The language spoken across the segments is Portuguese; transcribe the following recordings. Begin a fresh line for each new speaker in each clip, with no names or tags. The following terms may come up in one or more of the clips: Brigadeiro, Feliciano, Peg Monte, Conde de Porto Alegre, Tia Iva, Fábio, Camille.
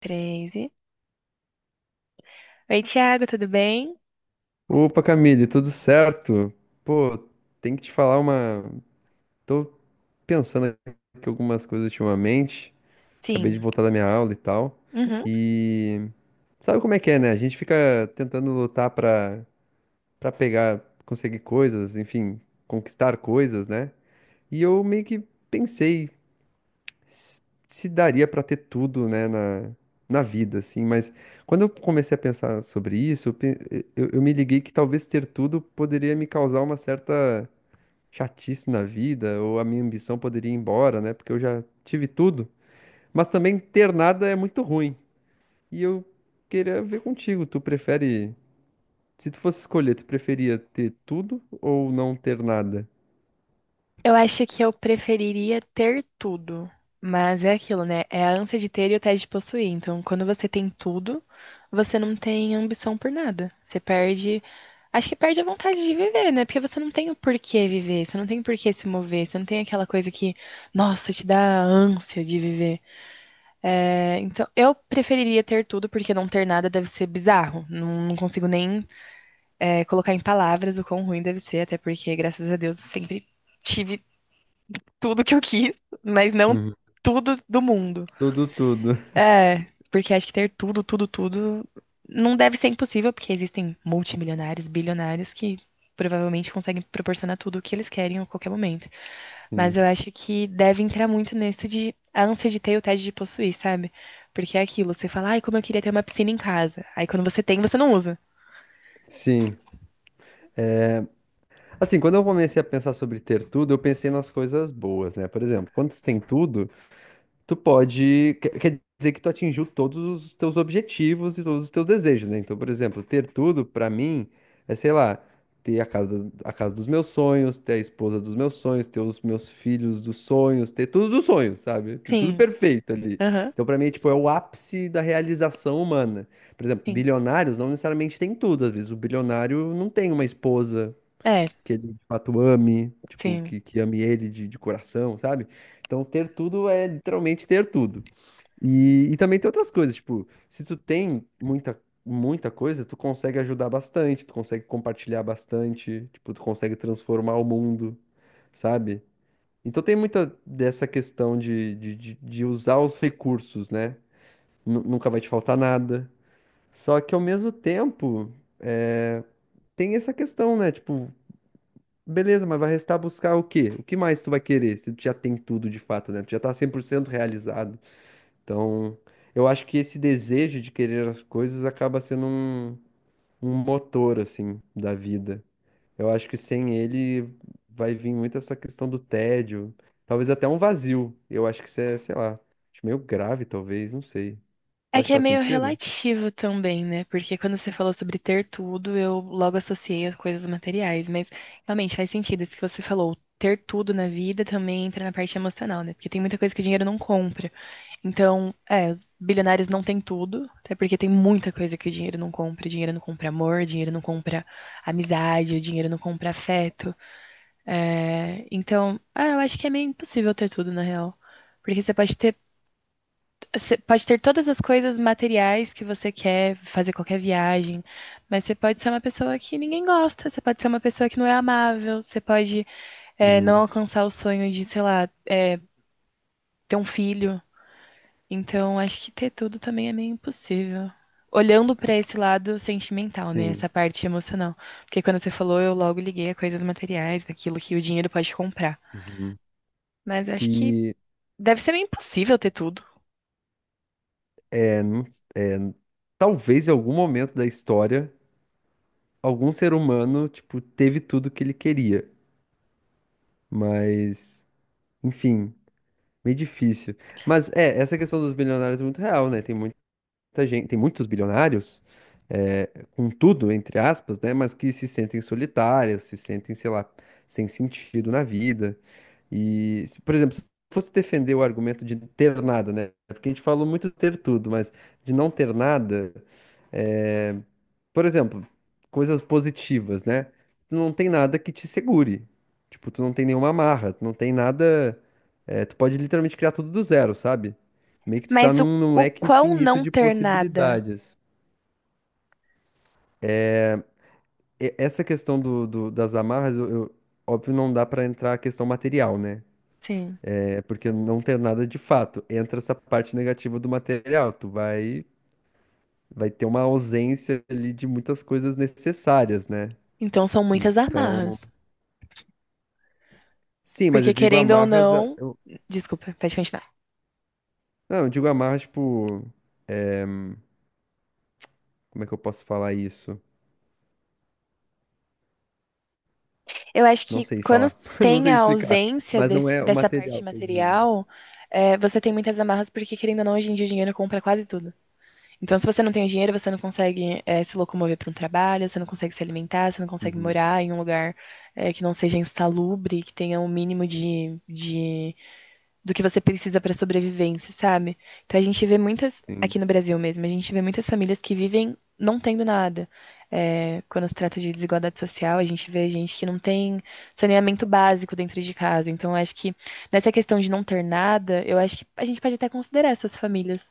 13, oi, Thiago, tudo bem?
Opa, Camille, tudo certo? Pô, tem que te falar uma. Tô pensando aqui algumas coisas ultimamente. Acabei
Sim.
de voltar da minha aula e tal.
Uhum.
E sabe como é que é, né? A gente fica tentando lutar pra pegar, conseguir coisas, enfim, conquistar coisas, né? E eu meio que pensei s- se daria pra ter tudo, né, na vida, assim, mas quando eu comecei a pensar sobre isso, eu me liguei que talvez ter tudo poderia me causar uma certa chatice na vida, ou a minha ambição poderia ir embora, né, porque eu já tive tudo, mas também ter nada é muito ruim. E eu queria ver contigo, tu prefere, se tu fosse escolher, tu preferia ter tudo ou não ter nada?
Eu acho que eu preferiria ter tudo, mas é aquilo, né? É a ânsia de ter e o tédio de possuir. Então, quando você tem tudo, você não tem ambição por nada. Você perde. Acho que perde a vontade de viver, né? Porque você não tem o porquê viver, você não tem o porquê se mover, você não tem aquela coisa que, nossa, te dá ânsia de viver. É, então, eu preferiria ter tudo, porque não ter nada deve ser bizarro. Não, não consigo nem colocar em palavras o quão ruim deve ser, até porque, graças a Deus, eu sempre tive tudo que eu quis, mas não
Uhum.
tudo do mundo.
Tudo, tudo.
É, porque acho que ter tudo, tudo, tudo não deve ser impossível, porque existem multimilionários, bilionários que provavelmente conseguem proporcionar tudo o que eles querem a qualquer momento. Mas
Sim.
eu acho que deve entrar muito nisso de a ânsia de ter e o tédio de possuir, sabe? Porque é aquilo, você fala, ai, como eu queria ter uma piscina em casa. Aí quando você tem, você não usa.
Sim. Assim, quando eu comecei a pensar sobre ter tudo, eu pensei nas coisas boas, né? Por exemplo, quando tu tem tudo, tu pode. Quer dizer que tu atingiu todos os teus objetivos e todos os teus desejos, né? Então, por exemplo, ter tudo, pra mim, é, sei lá, ter a casa dos meus sonhos, ter a esposa dos meus sonhos, ter os meus filhos dos sonhos, ter tudo dos sonhos, sabe? Ter tudo
Sim,
perfeito ali.
aham,
Então, pra mim, é, tipo, é o ápice da realização humana. Por exemplo,
sim.
bilionários não necessariamente têm tudo. Às vezes, o bilionário não tem uma esposa
É,
que ele de fato ame, tipo,
sim.
que ame ele de coração, sabe? Então, ter tudo é literalmente ter tudo. E também tem outras coisas, tipo, se tu tem muita coisa, tu consegue ajudar bastante, tu consegue compartilhar bastante, tipo, tu consegue transformar o mundo, sabe? Então tem muita dessa questão de usar os recursos, né? Nunca vai te faltar nada. Só que ao mesmo tempo, é, tem essa questão, né? Tipo, beleza, mas vai restar buscar o quê? O que mais tu vai querer se tu já tem tudo de fato, né? Tu já tá 100% realizado. Então, eu acho que esse desejo de querer as coisas acaba sendo um, um motor, assim, da vida. Eu acho que sem ele vai vir muito essa questão do tédio, talvez até um vazio. Eu acho que isso é, sei lá, acho meio grave, talvez, não sei. Tu
É
acha
que
que
é
faz
meio
sentido?
relativo também, né? Porque quando você falou sobre ter tudo, eu logo associei as coisas materiais. Mas realmente faz sentido isso que você falou. Ter tudo na vida também entra na parte emocional, né? Porque tem muita coisa que dinheiro não compra. Então, bilionários não têm tudo, até porque tem muita coisa que o dinheiro não compra. O dinheiro não compra amor, o dinheiro não compra amizade, o dinheiro não compra afeto. É, então, ah, eu acho que é meio impossível ter tudo, na real. Porque você pode ter todas as coisas materiais que você quer, fazer qualquer viagem, mas você pode ser uma pessoa que ninguém gosta, você pode ser uma pessoa que não é amável, você pode, não
Uhum.
alcançar o sonho de, sei lá, ter um filho. Então, acho que ter tudo também é meio impossível. Olhando pra esse lado sentimental, né?
Sim.
Essa parte emocional. Porque quando você falou, eu logo liguei a coisas materiais, daquilo que o dinheiro pode comprar.
Uhum.
Mas acho que
E
deve ser meio impossível ter tudo.
é, não- é, talvez em algum momento da história. Algum ser humano, tipo, teve tudo que ele queria. Mas, enfim, meio difícil. Mas é, essa questão dos bilionários é muito real, né? Tem muita gente, tem muitos bilionários, é, com tudo, entre aspas, né? Mas que se sentem solitários, se sentem, sei lá, sem sentido na vida. E, por exemplo, se eu fosse defender o argumento de ter nada, né? Porque a gente falou muito ter tudo, mas de não ter nada, é, por exemplo, coisas positivas, né? Tu não tem nada que te segure. Tipo, tu não tem nenhuma amarra, tu não tem nada. É, tu pode literalmente criar tudo do zero, sabe? Meio que tu tá
Mas o,
num
o
leque
quão
infinito
não
de
ter nada?
possibilidades. Essa questão das amarras, óbvio, não dá pra entrar a questão material, né?
Sim.
É porque não tem nada de fato. Entra essa parte negativa do material. Vai ter uma ausência ali de muitas coisas necessárias, né?
Então são muitas
Então,
amarras.
sim, mas eu
Porque
digo
querendo ou
amarras.
não.
Eu,
Desculpa, pode continuar.
não, eu digo amarras, tipo. Como é que eu posso falar isso?
Eu acho
Não
que
sei
quando
falar. Não
tem
sei
a
explicar.
ausência
Mas não é o
dessa parte
material que eu digo.
material, você tem muitas amarras, porque querendo ou não, hoje em dia o dinheiro compra quase tudo. Então, se você não tem o dinheiro, você não consegue, se locomover para um trabalho, você não consegue se alimentar, você não consegue
Uhum,
morar em um lugar, que não seja insalubre, que tenha um mínimo de do que você precisa para sobrevivência, sabe? Então a gente vê muitas,
sim.
aqui no Brasil mesmo, a gente vê muitas famílias que vivem não tendo nada. É, quando se trata de desigualdade social, a gente vê gente que não tem saneamento básico dentro de casa. Então, eu acho que nessa questão de não ter nada, eu acho que a gente pode até considerar essas famílias,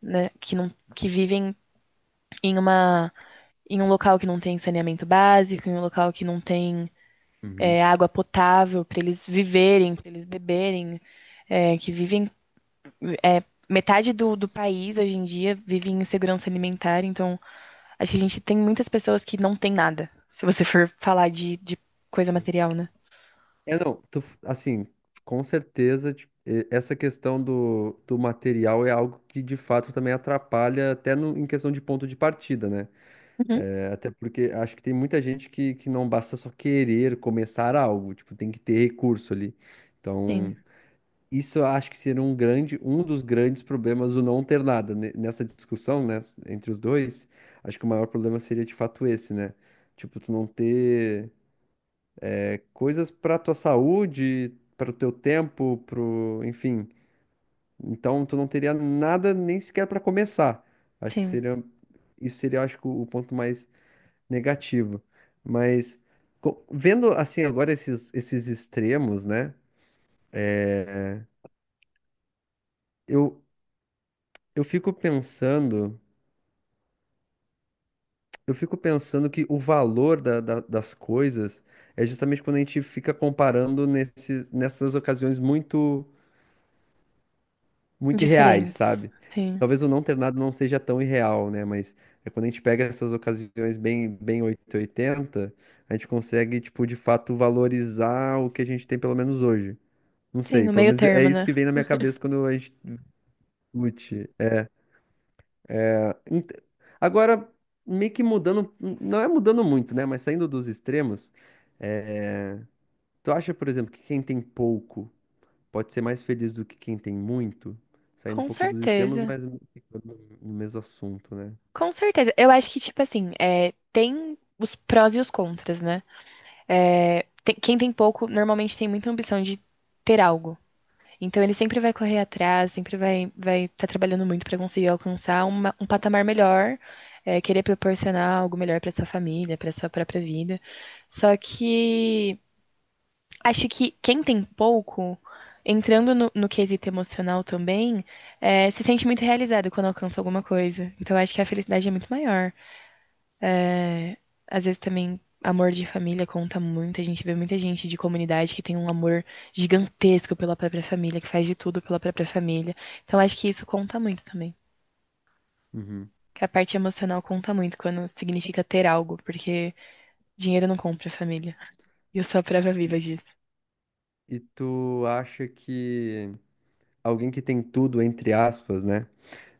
né, que não, que vivem em uma, em um local que não tem saneamento básico, em um local que não tem
Uhum.
água potável para eles viverem, para eles beberem, que vivem é, metade do país hoje em dia vive em insegurança alimentar, então acho que a gente tem muitas pessoas que não tem nada, se você for falar de coisa material, né?
É, não, assim, com certeza, essa questão do, do material é algo que de fato também atrapalha até em questão de ponto de partida, né?
Uhum.
É, até porque acho que tem muita gente que não basta só querer começar algo, tipo, tem que ter recurso ali. Então,
Sim,
isso eu acho que seria um grande, um dos grandes problemas do não ter nada nessa discussão, né, entre os dois. Acho que o maior problema seria de fato esse, né? Tipo, tu não ter coisas para tua saúde, para o teu tempo, pro, enfim. Então tu não teria nada nem sequer para começar. Acho que
sim.
seria isso seria, acho que o ponto mais negativo. Mas vendo assim agora esses extremos, né? É, eu, eu fico pensando, eu fico pensando que o valor das coisas é justamente quando a gente fica comparando nessas ocasiões muito irreais,
Diferentes.
sabe?
Sim,
Talvez o não ter nada não seja tão irreal, né? Mas é quando a gente pega essas ocasiões bem 880, a gente consegue, tipo, de fato valorizar o que a gente tem, pelo menos hoje. Não
sim,
sei,
no
pelo
meio
menos é
termo,
isso
né?
que vem na minha cabeça quando a gente discute. Ent- Agora, meio que mudando, não é mudando muito, né? Mas saindo dos extremos, é, tu acha, por exemplo, que quem tem pouco. Pode ser mais feliz do que quem tem muito, saindo um
Com
pouco dos extremos,
certeza.
mas ficando no mesmo assunto, né?
Com certeza. Eu acho que, tipo assim, tem os prós e os contras, né? Quem tem pouco normalmente tem muita ambição de ter algo. Então ele sempre vai correr atrás, sempre vai estar trabalhando muito para conseguir alcançar um patamar melhor, querer proporcionar algo melhor para sua família, para sua própria vida. Só que acho que quem tem pouco, entrando no quesito emocional também, se sente muito realizado quando alcança alguma coisa. Então acho que a felicidade é muito maior. Às vezes também amor de família conta muito. A gente vê muita gente de comunidade que tem um amor gigantesco pela própria família, que faz de tudo pela própria família. Então acho que isso conta muito também.
Uhum.
Que a parte emocional conta muito quando significa ter algo, porque dinheiro não compra família. E eu sou a prova viva disso.
E tu acha que alguém que tem tudo, entre aspas, né?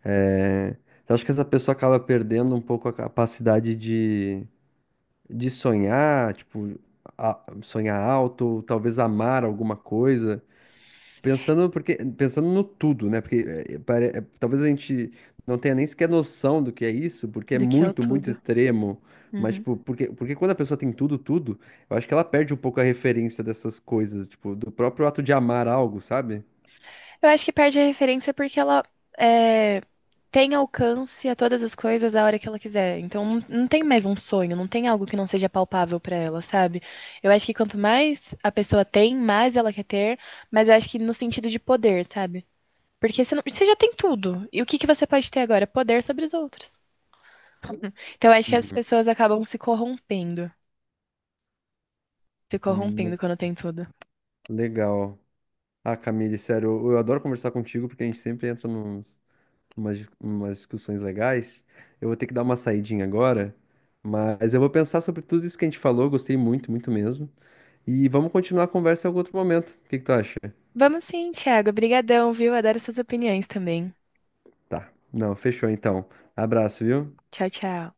É... Tu acha que essa pessoa acaba perdendo um pouco a capacidade de sonhar, tipo, sonhar alto, ou talvez amar alguma coisa? Pensando, porque, pensando no tudo, né? Porque é, talvez a gente não tenha nem sequer noção do que é isso, porque é
Do que é o
muito, muito
tudo.
extremo. Mas,
Uhum.
tipo, porque quando a pessoa tem tudo, tudo, eu acho que ela perde um pouco a referência dessas coisas, tipo, do próprio ato de amar algo, sabe?
Eu acho que perde a referência porque ela é, tem alcance a todas as coisas a hora que ela quiser. Então não tem mais um sonho, não tem algo que não seja palpável pra ela, sabe? Eu acho que quanto mais a pessoa tem, mais ela quer ter, mas eu acho que no sentido de poder, sabe? Porque você, você já tem tudo. E o que que você pode ter agora? Poder sobre os outros. Então eu acho que as
Uhum.
pessoas acabam se corrompendo, se
Hum,
corrompendo quando tem tudo.
legal. Ah, Camille, sério, eu adoro conversar contigo porque a gente sempre entra nos, umas, dis- umas discussões legais. Eu vou ter que dar uma saidinha agora, mas eu vou pensar sobre tudo isso que a gente falou, gostei muito, muito mesmo. E vamos continuar a conversa em algum outro momento. O que que tu acha?
Vamos sim, Thiago. Obrigadão, viu? Adoro suas opiniões também.
Tá. Não, fechou então. Abraço, viu?
Tchau, tchau.